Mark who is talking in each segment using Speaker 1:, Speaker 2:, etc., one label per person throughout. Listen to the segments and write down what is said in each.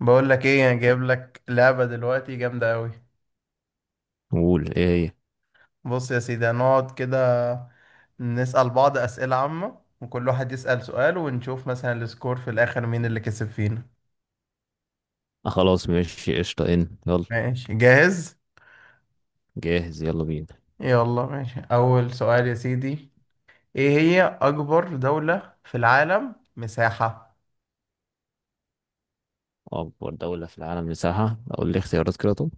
Speaker 1: بقول لك ايه انا جايب لك لعبة دلوقتي جامدة قوي.
Speaker 2: قول ايه هي؟
Speaker 1: بص يا سيدي، هنقعد كده نسأل بعض أسئلة عامة وكل واحد يسأل سؤال ونشوف مثلا السكور في الآخر مين اللي كسب فينا.
Speaker 2: آه، خلاص ماشي قشطة ان يلا.
Speaker 1: ماشي جاهز.
Speaker 2: جاهز يلا بينا.
Speaker 1: يلا ماشي، أول سؤال يا سيدي. ايه هي أكبر دولة في العالم مساحة؟
Speaker 2: أكبر دولة في العالم مساحة، أقول لي اختيارات كده طب.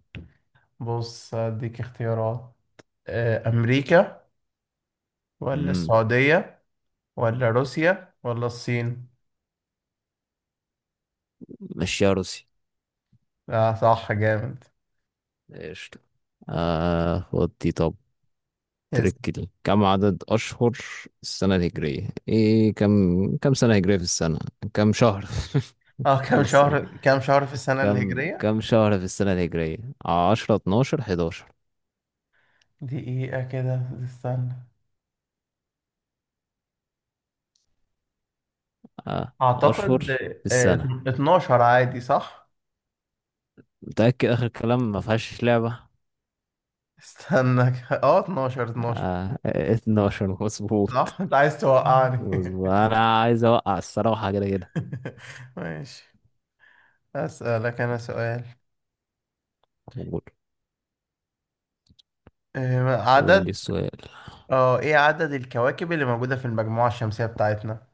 Speaker 1: بص هديك اختيارات. أمريكا ولا
Speaker 2: مم.
Speaker 1: السعودية ولا روسيا ولا الصين؟
Speaker 2: مشيها روسي.
Speaker 1: لا صح، جامد.
Speaker 2: قشطة. آه، خد دي طب. تركي دي كم عدد أشهر السنة الهجرية؟ إيه كم سنة هجرية في السنة؟ كم شهر
Speaker 1: اه
Speaker 2: في
Speaker 1: كام
Speaker 2: السنة؟
Speaker 1: شهر، كام شهر في السنة
Speaker 2: كم
Speaker 1: الهجرية؟
Speaker 2: كم شهر في السنة الهجرية؟ عشرة اتناشر حداشر
Speaker 1: دقيقة كده استنى،
Speaker 2: آه أشهر
Speaker 1: اعتقد
Speaker 2: في السنة.
Speaker 1: 12 عادي صح؟
Speaker 2: متأكد آخر كلام، ما فيهاش لعبة؟
Speaker 1: استنى 12 12
Speaker 2: آه، 12 مظبوط.
Speaker 1: صح. انت عايز توقعني؟
Speaker 2: انا عايز اوقع الصراحه كده كده.
Speaker 1: ماشي. اسألك انا سؤال.
Speaker 2: قول.
Speaker 1: آه،
Speaker 2: قول لي
Speaker 1: عدد
Speaker 2: السؤال.
Speaker 1: اه ايه عدد الكواكب اللي موجودة في المجموعة الشمسية بتاعتنا؟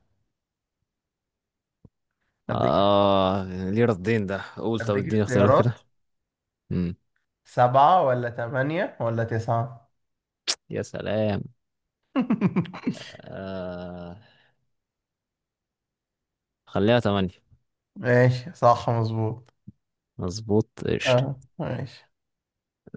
Speaker 1: اديك
Speaker 2: اه. ليه ردين ده، قول طب
Speaker 1: اديك
Speaker 2: اديني اختيارات
Speaker 1: اختيارات.
Speaker 2: كده. امم.
Speaker 1: سبعة ولا تمانية ولا تسعة؟
Speaker 2: يا سلام. آه، خليها تمانية.
Speaker 1: ماشي صح مظبوط.
Speaker 2: مظبوط قشطة.
Speaker 1: اه ماشي.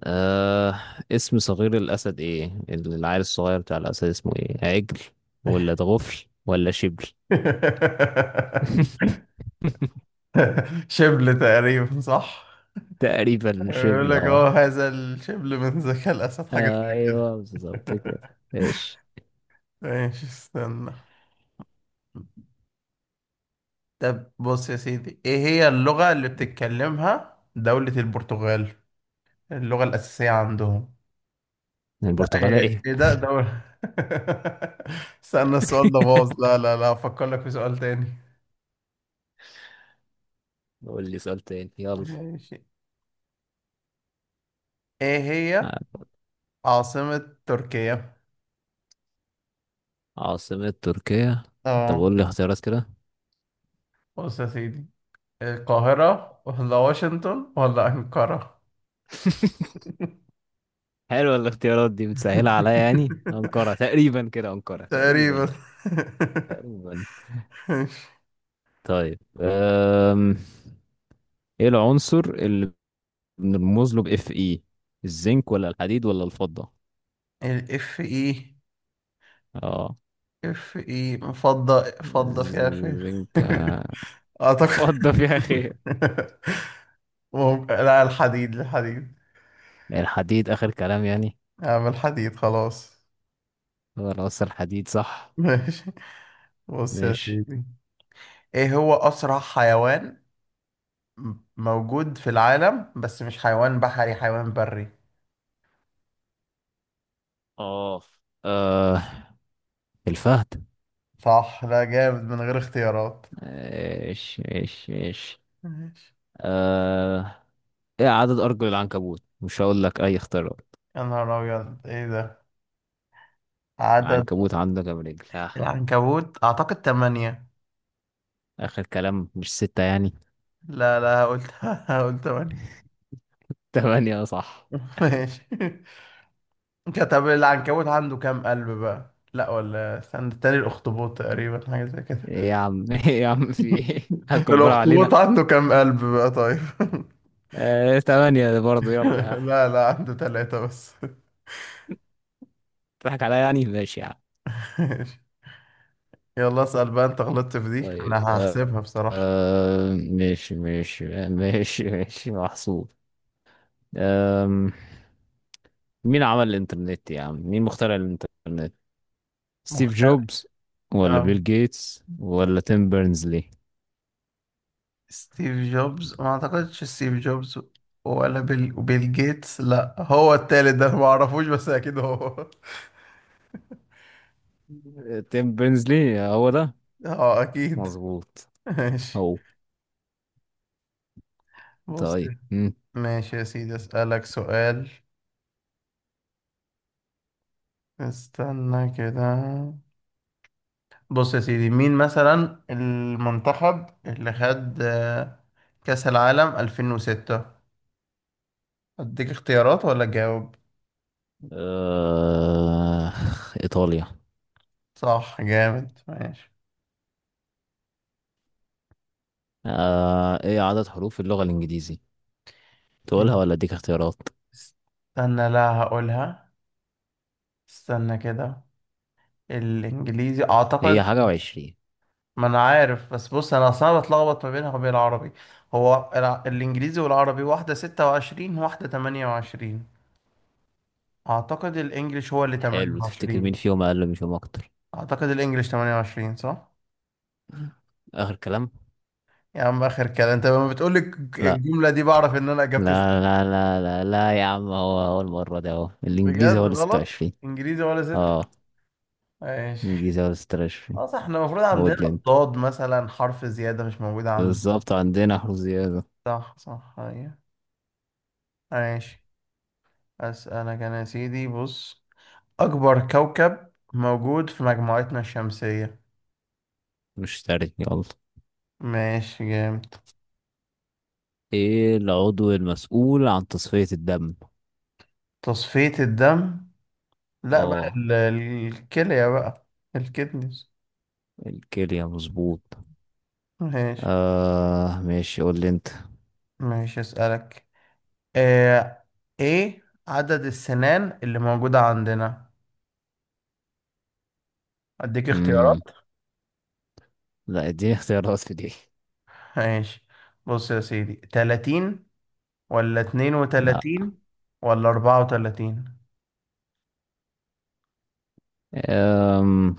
Speaker 2: آه، اسم صغير الأسد ايه؟ العيل الصغير بتاع الأسد اسمه ايه؟ عجل ولا ضغفل ولا شبل؟
Speaker 1: شبل تقريبا صح.
Speaker 2: تقريبا
Speaker 1: يقول
Speaker 2: شبل
Speaker 1: لك
Speaker 2: اه.
Speaker 1: هذا الشبل من ذكاء الأسد، حاجة
Speaker 2: آه،
Speaker 1: زي كده.
Speaker 2: ايوه بالظبط كده ايش.
Speaker 1: ماشي استنى. طب بص يا سيدي، ايه هي اللغة اللي بتتكلمها دولة البرتغال، اللغة الأساسية عندهم؟
Speaker 2: البرتغالة
Speaker 1: ايه
Speaker 2: ايه.
Speaker 1: إيه ده دولة استنى السؤال ده باظ، لا لا لا افكر لك في سؤال تاني.
Speaker 2: قول لي سؤال تاني يلا.
Speaker 1: ماشي. ايه هي
Speaker 2: ع-
Speaker 1: عاصمة تركيا؟
Speaker 2: عاصمة تركيا. طب
Speaker 1: اه
Speaker 2: قول لي اختيارات كده.
Speaker 1: بص يا سيدي، القاهرة ولا واشنطن ولا أنقرة؟
Speaker 2: حلوة الاختيارات دي، بتسهلها عليا يعني. أنقرة تقريبا كده، أنقرة
Speaker 1: تقريبا.
Speaker 2: تقريبا. تقريبا.
Speaker 1: ماشي.
Speaker 2: طيب ايه العنصر اللي بنرمز له بإف إي؟ الزنك ولا الحديد ولا الفضة؟
Speaker 1: الاف اي.
Speaker 2: اه.
Speaker 1: اف اي، فضة فيها فين.
Speaker 2: الزنك؟
Speaker 1: اعتقد
Speaker 2: فضة فيها خير.
Speaker 1: لا، الحديد.
Speaker 2: الحديد آخر كلام يعني.
Speaker 1: اعمل حديد خلاص.
Speaker 2: خلاص الحديد صح.
Speaker 1: ماشي، بص يا
Speaker 2: ماشي.
Speaker 1: سيدي. ايه هو اسرع حيوان موجود في العالم، بس مش حيوان بحري، حيوان بري؟
Speaker 2: اه. آه، الفهد.
Speaker 1: صح. لا جامد من غير اختيارات.
Speaker 2: ايش ايش ايش.
Speaker 1: ماشي.
Speaker 2: آه... ايه عدد ارجل العنكبوت؟ مش هقول لك اي اختيارات.
Speaker 1: يا نهار أبيض إيه ده! عدد…
Speaker 2: العنكبوت عنده كام رجل؟
Speaker 1: العنكبوت أعتقد تمانية.
Speaker 2: اخر كلام، مش ستة يعني؟
Speaker 1: لا لا، قلت قلت تمانية.
Speaker 2: تمانية. آه، صح.
Speaker 1: ماشي. طب العنكبوت عنده كام قلب بقى، لا، ولا استنى تاني، الأخطبوط تقريبا حاجة زي كده.
Speaker 2: ايه يا عم، ايه يا عم، في ايه؟ هتكبر
Speaker 1: الأخطبوط
Speaker 2: علينا.
Speaker 1: عنده كام قلب بقى طيب؟
Speaker 2: تمانية برضه يلا ها.
Speaker 1: لا، لا عنده تلاتة بس.
Speaker 2: تضحك عليا يعني، ماشي يا عم.
Speaker 1: ماشي. يلا اسأل بقى، أنت غلطت في دي
Speaker 2: طيب
Speaker 1: أنا هحسبها بصراحة.
Speaker 2: ماشي ماشي ماشي ماشي محسوب. آم... مين عمل الانترنت يا عم؟ مين مخترع الانترنت؟ ستيف
Speaker 1: مختلف.
Speaker 2: جوبز ولا
Speaker 1: آه.
Speaker 2: بيل جيتس ولا تيم بيرنزلي؟
Speaker 1: ستيف جوبز؟ ما اعتقدش ستيف جوبز ولا بيل جيتس، لا هو التالت ده أنا ما اعرفوش بس اكيد هو.
Speaker 2: تيم بيرنزلي هو ده.
Speaker 1: اه اكيد.
Speaker 2: مظبوط.
Speaker 1: ماشي،
Speaker 2: هو.
Speaker 1: بص.
Speaker 2: طيب مم.
Speaker 1: ماشي يا سيدي، اسالك سؤال، استنى كده. بص يا سيدي، مين مثلا المنتخب اللي خد كأس العالم 2006؟ اديك اختيارات ولا جاوب؟
Speaker 2: آه... إيطاليا.
Speaker 1: صح، جامد. ماشي.
Speaker 2: إيه عدد حروف اللغة الإنجليزي؟
Speaker 1: ليه؟
Speaker 2: تقولها ولا أديك اختيارات؟
Speaker 1: استنى، لا هقولها. استنى كده، الانجليزي
Speaker 2: هي
Speaker 1: اعتقد…
Speaker 2: حاجة وعشرين.
Speaker 1: ما انا عارف بس بص، انا اصلا بتلخبط ما بينها وبين العربي، هو الانجليزي والعربي، واحدة 26 واحدة 28، اعتقد الانجليش هو اللي تمانية
Speaker 2: حلو، تفتكر مين
Speaker 1: وعشرين
Speaker 2: فيهم أقل ومين فيهم أكتر؟
Speaker 1: اعتقد الانجليش 28 صح.
Speaker 2: آخر كلام.
Speaker 1: يا عم اخر كلام، انت لما بتقولي
Speaker 2: لا
Speaker 1: الجملة دي بعرف ان انا اجابتي صح.
Speaker 2: لا لا لا لا لا يا عم، هو هو المرة دي أهو الإنجليزي هو
Speaker 1: بجد
Speaker 2: اللي
Speaker 1: غلط؟
Speaker 2: 26.
Speaker 1: انجليزي ولا ستة؟
Speaker 2: أه،
Speaker 1: ماشي.
Speaker 2: الإنجليزي هو اللي 26.
Speaker 1: اه صح، احنا المفروض
Speaker 2: هو
Speaker 1: عندنا
Speaker 2: اللي أنت،
Speaker 1: الضاد مثلا حرف زيادة مش موجودة عندنا.
Speaker 2: بالظبط عندنا حروف زيادة.
Speaker 1: صح صح، أيوة. ماشي. اسألك انا يا سيدي، بص، أكبر كوكب موجود في مجموعتنا الشمسية؟
Speaker 2: مشتري يلا.
Speaker 1: ماشي جامد.
Speaker 2: ايه العضو المسؤول عن تصفية الدم؟
Speaker 1: تصفية الدم، لا بقى
Speaker 2: اه.
Speaker 1: الكلية بقى. الكدنس.
Speaker 2: الكلية مظبوط.
Speaker 1: ماشي.
Speaker 2: آه ماشي، قول لي انت.
Speaker 1: ماشي أسألك. آه، إيه عدد السنان اللي موجودة عندنا؟ أديك اختيارات.
Speaker 2: مم. لا اديني اختيارات في دي.
Speaker 1: ماشي. بص يا سيدي، 30 ولا اتنين
Speaker 2: لا.
Speaker 1: وتلاتين ولا 34؟
Speaker 2: أم...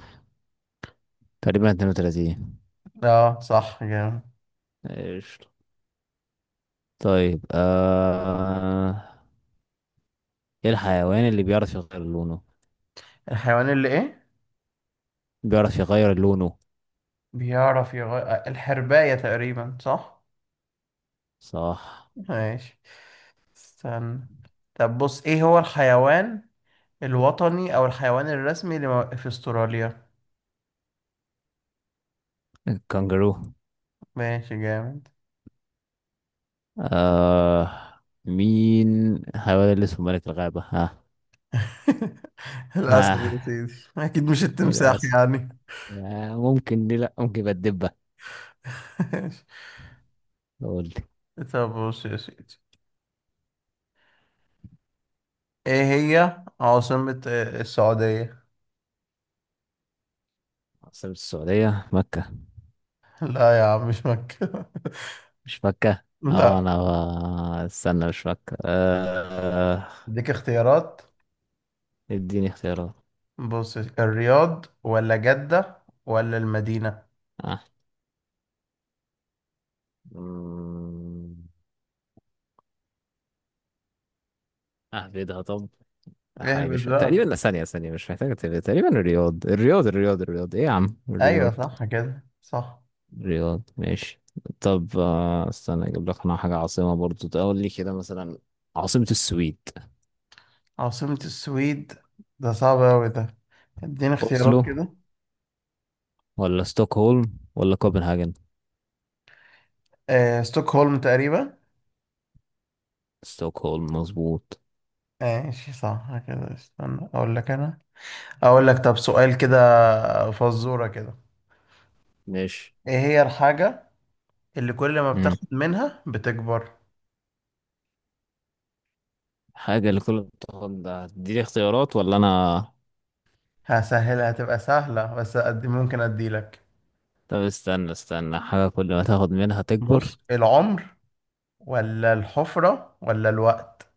Speaker 2: تقريبا 32.
Speaker 1: اه صح جامد.
Speaker 2: قشطة. طيب ايه الحيوان اللي بيعرف يغير لونه؟
Speaker 1: الحيوان اللي إيه
Speaker 2: بيعرف يغير لونه.
Speaker 1: بيعرف يغير… الحرباية تقريبا صح.
Speaker 2: صح.
Speaker 1: ماشي استنى. طب بص، ايه هو الحيوان الوطني او الحيوان الرسمي في استراليا؟
Speaker 2: الكنجرو.
Speaker 1: ماشي جامد.
Speaker 2: آه... مين الحيوان اللي اسمه ملك الغابة ها؟
Speaker 1: الاسد
Speaker 2: آه
Speaker 1: يا سيدي اكيد، مش التمساح
Speaker 2: للأسف.
Speaker 1: يعني.
Speaker 2: ممكن دي لأ، ممكن يبقى الدبة. قول لي.
Speaker 1: طب بص يا سيدي، ايه هي عاصمة السعودية؟
Speaker 2: عاصمة السعودية مكة.
Speaker 1: لا يا عم مش مكة.
Speaker 2: مش مكة. اه
Speaker 1: لا،
Speaker 2: انا، استنى، مش مكة آه.
Speaker 1: اديك اختيارات.
Speaker 2: اديني اختيارات.
Speaker 1: بص، الرياض ولا جدة ولا المدينة؟
Speaker 2: اه. مم، اهبدها طب. لا حقيقي
Speaker 1: اهبط
Speaker 2: مش
Speaker 1: بقى.
Speaker 2: تقريبا، لا ثانية ثانية، مش محتاجة تقريبا، تقريبا الرياض الرياض الرياض الرياض، ايه يا عم
Speaker 1: ايوه
Speaker 2: الرياض.
Speaker 1: صح كده، صح.
Speaker 2: الرياض ماشي. طب استنى، اجيب لك انا حاجة عاصمة برضو، تقول لي كده مثلا. عاصمة السويد
Speaker 1: عاصمة السويد، ده صعب أوي ده، اديني اختيارات
Speaker 2: اوسلو
Speaker 1: كده.
Speaker 2: ولا ستوكهولم ولا كوبنهاجن؟
Speaker 1: ستوكهولم تقريبا.
Speaker 2: ستوكهولم مظبوط.
Speaker 1: ماشي صح كده. استنى أقول لك أنا، أقول لك طب سؤال كده، فزورة كده.
Speaker 2: ماشي.
Speaker 1: إيه هي الحاجة اللي كل ما
Speaker 2: امم
Speaker 1: بتاخد منها بتكبر؟
Speaker 2: حاجة اللي كل ما تاخد ده، هتديني اختيارات ولا أنا؟
Speaker 1: هسهلها، هتبقى سهلة بس قد ممكن أديلك.
Speaker 2: طب استنى استنى، حاجة كل ما تاخد منها تكبر.
Speaker 1: بص، العمر ولا الحفرة ولا الوقت؟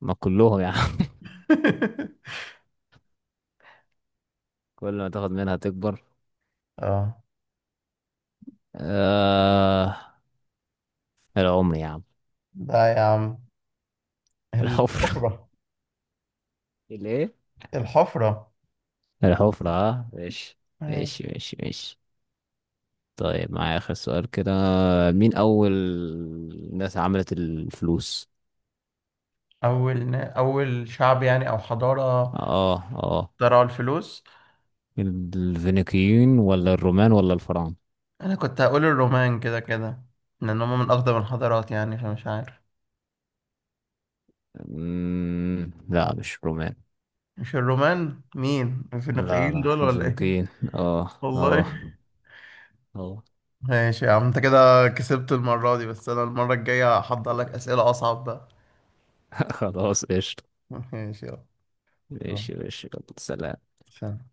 Speaker 2: ما كلهم يا عم. كل ما تاخد منها تكبر.
Speaker 1: اه
Speaker 2: آه... العمر يا عم.
Speaker 1: ده يا عم
Speaker 2: الحفرة.
Speaker 1: الحفرة.
Speaker 2: الايه.
Speaker 1: الحفرة.
Speaker 2: الحفرة اه، ماشي. ماشي
Speaker 1: ماشي.
Speaker 2: ماشي ماشي. طيب معايا آخر سؤال كده. مين أول ناس عملت الفلوس؟
Speaker 1: أول شعب يعني أو حضارة
Speaker 2: اه اه.
Speaker 1: اخترعوا الفلوس؟
Speaker 2: الفينيقيين ولا الرومان ولا الفراعنة؟
Speaker 1: أنا كنت هقول الرومان كده كده، لأن هما من أقدم الحضارات يعني، فمش عارف.
Speaker 2: لا مش رومان.
Speaker 1: مش الرومان؟ مين
Speaker 2: لا
Speaker 1: الفينيقيين
Speaker 2: لا
Speaker 1: دول ولا إيه؟
Speaker 2: الفينيقيين. اه اه
Speaker 1: والله.
Speaker 2: اه.
Speaker 1: ماشي يا عم، أنت كده كسبت المرة دي، بس أنا المرة الجاية هحضر لك أسئلة أصعب بقى.
Speaker 2: خلاص قشطة.
Speaker 1: ماشي يلا. باي.
Speaker 2: ماشي ماشي يلا سلام.
Speaker 1: سلام.